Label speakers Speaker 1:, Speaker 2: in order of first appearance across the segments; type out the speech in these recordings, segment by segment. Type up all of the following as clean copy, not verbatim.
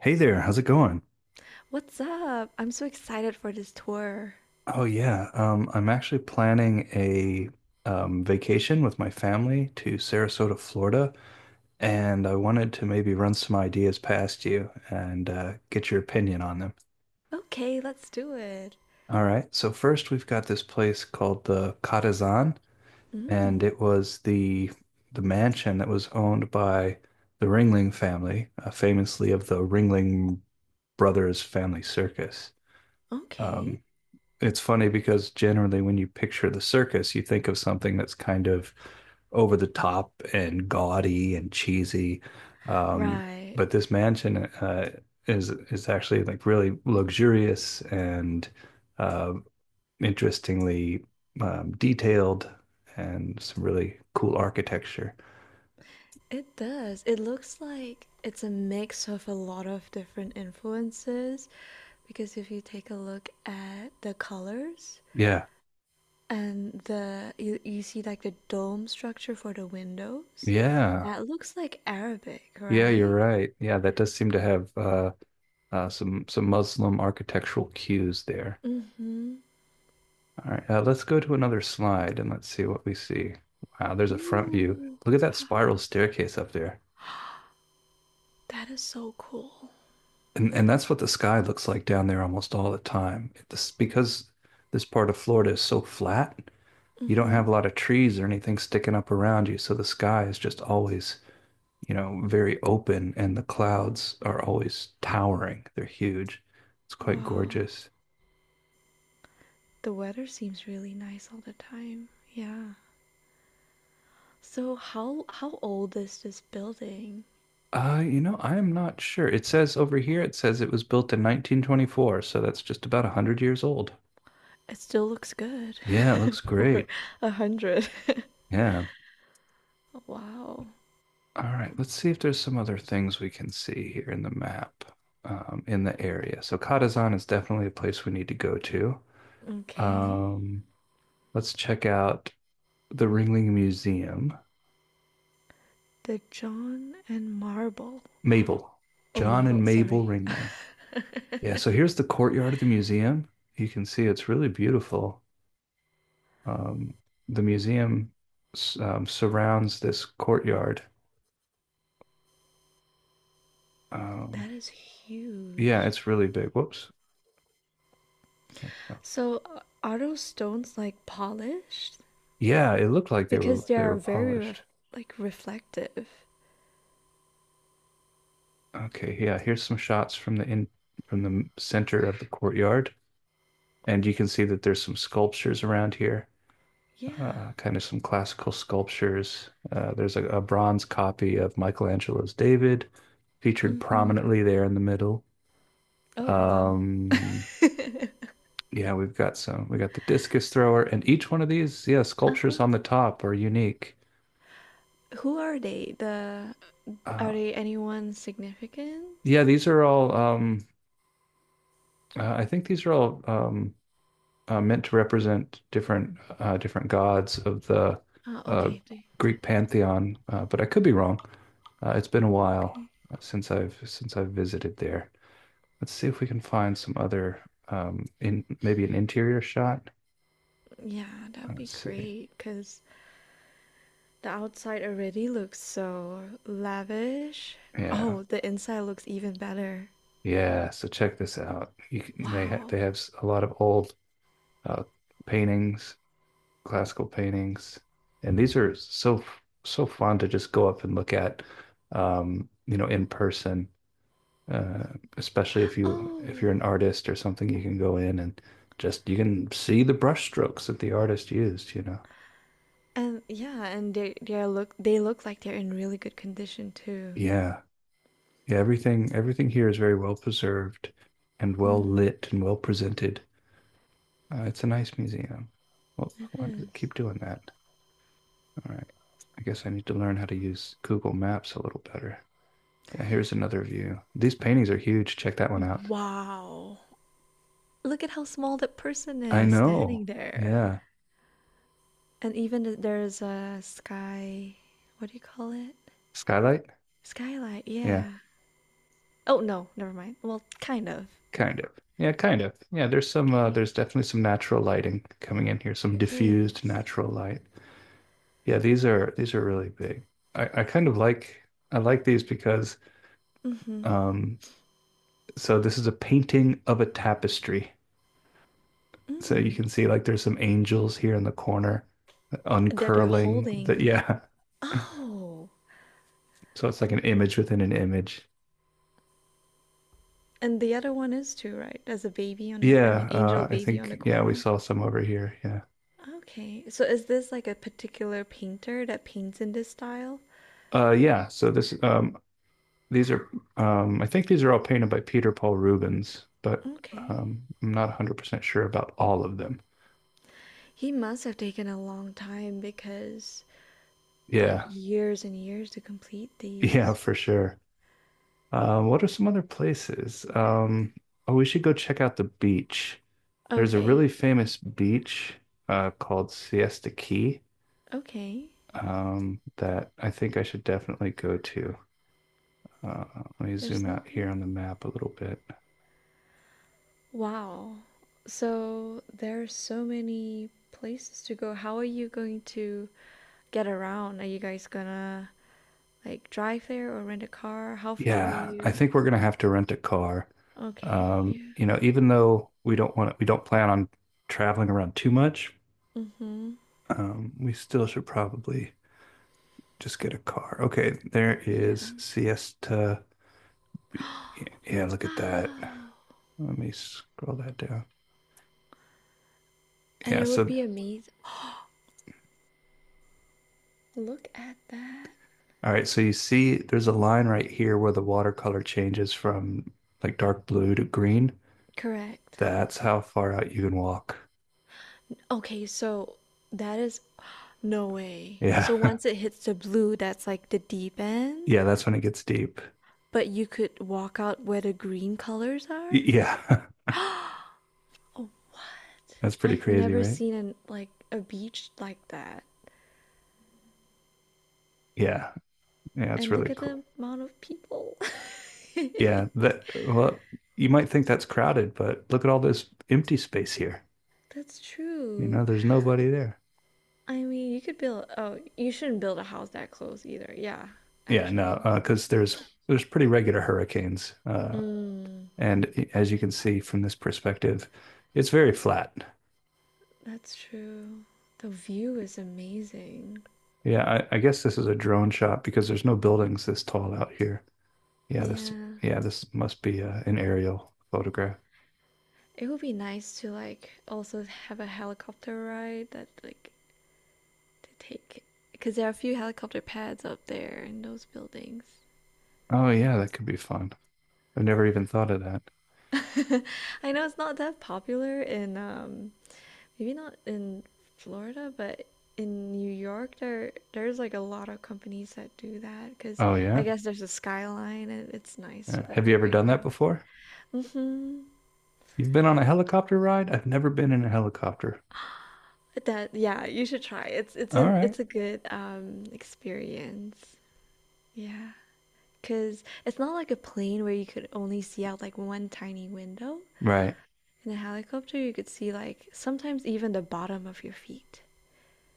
Speaker 1: Hey there, how's it going?
Speaker 2: What's up? I'm so excited for this tour.
Speaker 1: Oh yeah, I'm actually planning a vacation with my family to Sarasota, Florida, and I wanted to maybe run some ideas past you and get your opinion on them.
Speaker 2: Okay, let's do it.
Speaker 1: All right, so first we've got this place called the Catazan, and
Speaker 2: Mm,
Speaker 1: it was the mansion that was owned by the Ringling family, famously of the Ringling Brothers Family Circus.
Speaker 2: okay.
Speaker 1: Um, it's funny because generally when you picture the circus, you think of something that's kind of over the top and gaudy and cheesy. Um,
Speaker 2: Right.
Speaker 1: but this mansion is actually like really luxurious and uh, interestingly detailed and some really cool architecture.
Speaker 2: It does. It looks like it's a mix of a lot of different influences because if you take a look at the colors
Speaker 1: Yeah,
Speaker 2: and the you see like the dome structure for the windows,
Speaker 1: yeah,
Speaker 2: that looks like Arabic,
Speaker 1: yeah. You're
Speaker 2: right?
Speaker 1: right. Yeah, that does seem to have some Muslim architectural cues there.
Speaker 2: Mm-hmm.
Speaker 1: All right, let's go to another slide and let's see what we see. Wow, there's a front view.
Speaker 2: Ooh,
Speaker 1: Look at that
Speaker 2: wow.
Speaker 1: spiral staircase up there.
Speaker 2: That is so cool.
Speaker 1: And that's what the sky looks like down there almost all the time. This because this part of Florida is so flat, you don't
Speaker 2: Mm-hmm.
Speaker 1: have a lot of trees or anything sticking up around you, so the sky is just always, very open and the clouds are always towering. They're huge. It's quite
Speaker 2: Wow.
Speaker 1: gorgeous.
Speaker 2: The weather seems really nice all the time. Yeah. So how old is this building?
Speaker 1: You know, I'm not sure. It says over here, it says it was built in 1924, so that's just about 100 years old.
Speaker 2: It still looks good
Speaker 1: Yeah, it looks
Speaker 2: for
Speaker 1: great.
Speaker 2: a hundred.
Speaker 1: Yeah.
Speaker 2: Wow.
Speaker 1: All right, let's see if there's some other things we can see here in the map, in the area. So Katazan is definitely a place we need to go to.
Speaker 2: Okay.
Speaker 1: Um, let's check out the Ringling Museum.
Speaker 2: The John and Marble.
Speaker 1: Mabel,
Speaker 2: Oh,
Speaker 1: John
Speaker 2: Mabel.
Speaker 1: and Mabel
Speaker 2: Sorry.
Speaker 1: Ringling. Yeah,
Speaker 2: That
Speaker 1: so here's the courtyard of the museum. You can see it's really beautiful. um, the museum surrounds this courtyard. Um,
Speaker 2: is
Speaker 1: yeah,
Speaker 2: huge.
Speaker 1: it's really big. Whoops. That's not-
Speaker 2: So are those stones like polished?
Speaker 1: Yeah, it looked like they were
Speaker 2: Because they
Speaker 1: they were
Speaker 2: are
Speaker 1: polished.
Speaker 2: like reflective.
Speaker 1: Okay, yeah, here's some shots from the center of the courtyard, and you can see that there's some sculptures around here.
Speaker 2: Yeah.
Speaker 1: Kind of some classical sculptures. There's a bronze copy of Michelangelo's David featured
Speaker 2: Mm-hmm.
Speaker 1: prominently there in the middle.
Speaker 2: Oh, wow.
Speaker 1: Um, Yeah, we've got some. We got the discus thrower, and each one of these, yeah, sculptures
Speaker 2: Uh-huh.
Speaker 1: on the top are unique.
Speaker 2: Who are they? The
Speaker 1: Uh,
Speaker 2: Are they anyone significant?
Speaker 1: yeah, these are all. I think these are all meant to represent different different gods of the
Speaker 2: Uh,
Speaker 1: uh,
Speaker 2: okay, they,
Speaker 1: Greek pantheon, but I could be wrong. It's been a while
Speaker 2: okay.
Speaker 1: since I've visited there. Let's see if we can find some other in maybe an interior shot.
Speaker 2: Yeah, that'd be
Speaker 1: Let's see.
Speaker 2: great because the outside already looks so lavish.
Speaker 1: Yeah,
Speaker 2: Oh, the inside looks even better.
Speaker 1: yeah, so check this out. You can, they ha
Speaker 2: Wow.
Speaker 1: they have a lot of old uh, paintings, classical paintings, and these are so fun to just go up and look at, in person. Uh, especially if you if
Speaker 2: Oh,
Speaker 1: you're an artist or something, you can go in and just you can see the brush strokes that the artist used, you know.
Speaker 2: and yeah, and they look they look like they're in really good condition too.
Speaker 1: Yeah, yeah. Everything here is very well preserved, and well
Speaker 2: Mm,
Speaker 1: lit and well presented. It's a nice museum. Well,
Speaker 2: it
Speaker 1: why does
Speaker 2: is.
Speaker 1: it keep doing that? All right. I guess I need to learn how to use Google Maps a little better. Yeah, here's another view. These paintings are huge. Check that one out.
Speaker 2: Wow. Look at how small that person
Speaker 1: I
Speaker 2: is
Speaker 1: know.
Speaker 2: standing there.
Speaker 1: Yeah.
Speaker 2: And even there's a sky. What do you call it?
Speaker 1: Skylight?
Speaker 2: Skylight,
Speaker 1: Yeah,
Speaker 2: yeah. Oh no, never mind. Well, kind of.
Speaker 1: kind of. Yeah, kind of. Yeah, there's some
Speaker 2: Okay.
Speaker 1: there's definitely some natural lighting coming in here, some
Speaker 2: There
Speaker 1: diffused
Speaker 2: is.
Speaker 1: natural light. Yeah, these are really big. I kind of like I like these because
Speaker 2: Mm-hmm.
Speaker 1: um so this is a painting of a tapestry. So you
Speaker 2: Mm.
Speaker 1: can see like there's some angels here in the corner
Speaker 2: That they're
Speaker 1: uncurling that
Speaker 2: holding.
Speaker 1: yeah.
Speaker 2: Oh,
Speaker 1: So it's like an image within an image.
Speaker 2: and the other one is too, right? As a baby on the, I mean,
Speaker 1: Yeah,
Speaker 2: angel
Speaker 1: I
Speaker 2: baby on
Speaker 1: think
Speaker 2: the
Speaker 1: yeah, we
Speaker 2: corner.
Speaker 1: saw some over here. Yeah.
Speaker 2: Okay. So is this like a particular painter that paints in this style?
Speaker 1: Yeah, so this these are I think these are all painted by Peter Paul Rubens, but
Speaker 2: Okay.
Speaker 1: I'm not 100% sure about all of them.
Speaker 2: He must have taken a long time because, like,
Speaker 1: Yeah.
Speaker 2: years and years to complete
Speaker 1: Yeah,
Speaker 2: these.
Speaker 1: for sure. What are some other places? Oh, we should go check out the beach. There's a really
Speaker 2: Okay.
Speaker 1: famous beach called Siesta Key
Speaker 2: Okay.
Speaker 1: that I think I should definitely go to. Uh, let me
Speaker 2: There's
Speaker 1: zoom out here on the
Speaker 2: something.
Speaker 1: map a little bit.
Speaker 2: Wow. So there are so many places to go. How are you going to get around? Are you guys gonna like drive there or rent a car? How far are
Speaker 1: Yeah, I
Speaker 2: you?
Speaker 1: think we're gonna have to rent a car.
Speaker 2: Okay. Yeah.
Speaker 1: You know, even though we don't plan on traveling around too much,
Speaker 2: Mm-hmm.
Speaker 1: we still should probably just get a car. Okay, there
Speaker 2: Yeah.
Speaker 1: is Siesta. Yeah, yeah, look at that.
Speaker 2: Wow.
Speaker 1: Let me scroll that down.
Speaker 2: And
Speaker 1: Yeah,
Speaker 2: it would
Speaker 1: so
Speaker 2: be amazing. Look at that.
Speaker 1: all right, so you see there's a line right here where the watercolor changes from like dark blue to green.
Speaker 2: Correct.
Speaker 1: That's how far out you can walk.
Speaker 2: Okay, so that is no way.
Speaker 1: Yeah.
Speaker 2: So once it hits the blue, that's like the deep end?
Speaker 1: yeah, that's when it gets deep.
Speaker 2: But you could walk out where the green colors are?
Speaker 1: Yeah,
Speaker 2: Oh,
Speaker 1: that's pretty
Speaker 2: I've
Speaker 1: crazy,
Speaker 2: never
Speaker 1: right?
Speaker 2: seen an like a beach like that.
Speaker 1: Yeah, yeah, it's
Speaker 2: And look
Speaker 1: really
Speaker 2: at
Speaker 1: cool.
Speaker 2: the amount of people.
Speaker 1: Yeah, that well, you might think that's crowded, but look at all this empty space here.
Speaker 2: That's
Speaker 1: You
Speaker 2: true.
Speaker 1: know, there's nobody there.
Speaker 2: I mean, you could build oh, you shouldn't build a house that close either. Yeah,
Speaker 1: Yeah, no,
Speaker 2: actually. Like,
Speaker 1: 'cause there's pretty regular hurricanes,
Speaker 2: mm,
Speaker 1: and as you can see from this perspective, it's very flat.
Speaker 2: that's true. The view is amazing.
Speaker 1: Yeah, I guess this is a drone shot because there's no buildings this tall out here. Yeah, this
Speaker 2: Yeah.
Speaker 1: yeah, this must be an aerial photograph.
Speaker 2: It would be nice to like also have a helicopter ride that like to take because there are a few helicopter pads up there in those buildings.
Speaker 1: Oh yeah, that could be fun. I've never even thought of that.
Speaker 2: I know it's not that popular in maybe not in Florida, but in New York there's like a lot of companies that do that because
Speaker 1: Oh
Speaker 2: I
Speaker 1: yeah?
Speaker 2: guess there's a skyline and it's nice to
Speaker 1: Yeah. Have
Speaker 2: like
Speaker 1: you ever
Speaker 2: ride
Speaker 1: done that
Speaker 2: around.
Speaker 1: before?
Speaker 2: Mm-hmm.
Speaker 1: You've been on a helicopter ride? I've never been in a helicopter.
Speaker 2: That yeah, you should try. It's it's
Speaker 1: All
Speaker 2: an
Speaker 1: right.
Speaker 2: it's a good experience. Yeah, because it's not like a plane where you could only see out like one tiny window.
Speaker 1: Right.
Speaker 2: In a helicopter, you could see like sometimes even the bottom of your feet.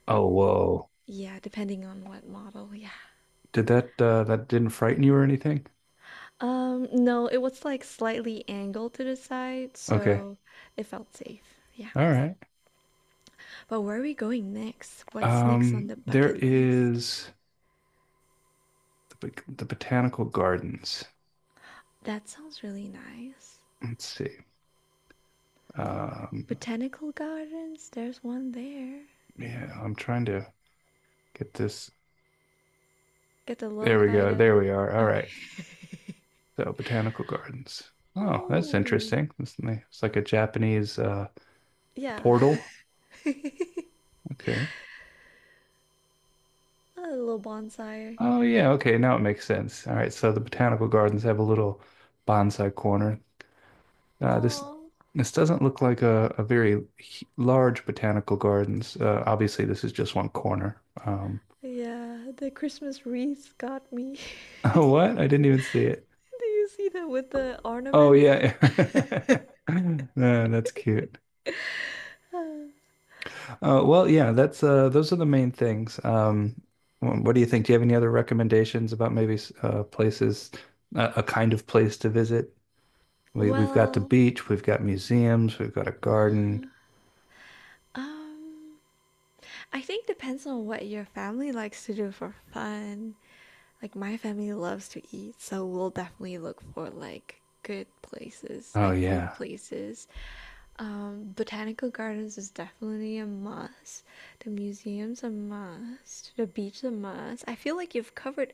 Speaker 1: Oh, whoa.
Speaker 2: Yeah, depending on what model. Yeah.
Speaker 1: Did that didn't frighten you or anything?
Speaker 2: No, it was like slightly angled to the side,
Speaker 1: Okay.
Speaker 2: so it felt safe. Yeah.
Speaker 1: All right.
Speaker 2: But where are we going next? What's next on the
Speaker 1: There
Speaker 2: bucket list?
Speaker 1: is the botanical gardens.
Speaker 2: That sounds really nice.
Speaker 1: Let's see. Um,
Speaker 2: Botanical gardens, there's one there.
Speaker 1: yeah, I'm trying to get this.
Speaker 2: Get the little
Speaker 1: There we
Speaker 2: guy
Speaker 1: go.
Speaker 2: to.
Speaker 1: There we are. All
Speaker 2: Okay.
Speaker 1: right. So botanical gardens. Oh, that's
Speaker 2: Oh,
Speaker 1: interesting. It's it's like a Japanese
Speaker 2: yeah.
Speaker 1: portal.
Speaker 2: A
Speaker 1: Okay.
Speaker 2: little bonsai.
Speaker 1: Oh yeah, okay, now it makes sense. All right, so the botanical gardens have a little bonsai corner. This
Speaker 2: Oh.
Speaker 1: this doesn't look like a very large botanical gardens. Obviously, this is just one corner.
Speaker 2: Yeah, the Christmas wreaths got me.
Speaker 1: Oh, what? I didn't even see it.
Speaker 2: Do you see that with the
Speaker 1: Oh
Speaker 2: ornaments?
Speaker 1: yeah. That's cute.
Speaker 2: Uh,
Speaker 1: Well, yeah, that's those are the main things. What do you think? Do you have any other recommendations about maybe places, a kind of place to visit? We've got the
Speaker 2: Well,
Speaker 1: beach, we've got museums, we've got a garden.
Speaker 2: um, I think depends on what your family likes to do for fun. Like my family loves to eat, so we'll definitely look for like good places,
Speaker 1: Oh
Speaker 2: like food
Speaker 1: yeah.
Speaker 2: places. Botanical gardens is definitely a must. The museum's a must. The beach is a must. I feel like you've covered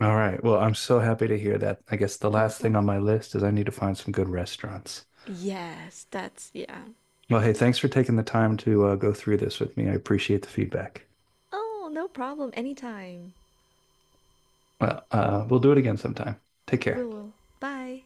Speaker 1: All right. Well, I'm so happy to hear that. I guess the last thing
Speaker 2: Uh-huh.
Speaker 1: on my list is I need to find some good restaurants.
Speaker 2: Yes, that's yeah.
Speaker 1: Well, hey, thanks for taking the time to go through this with me. I appreciate the feedback.
Speaker 2: Oh, no problem. Anytime.
Speaker 1: Well, we'll do it again sometime. Take
Speaker 2: We
Speaker 1: care.
Speaker 2: will. Bye.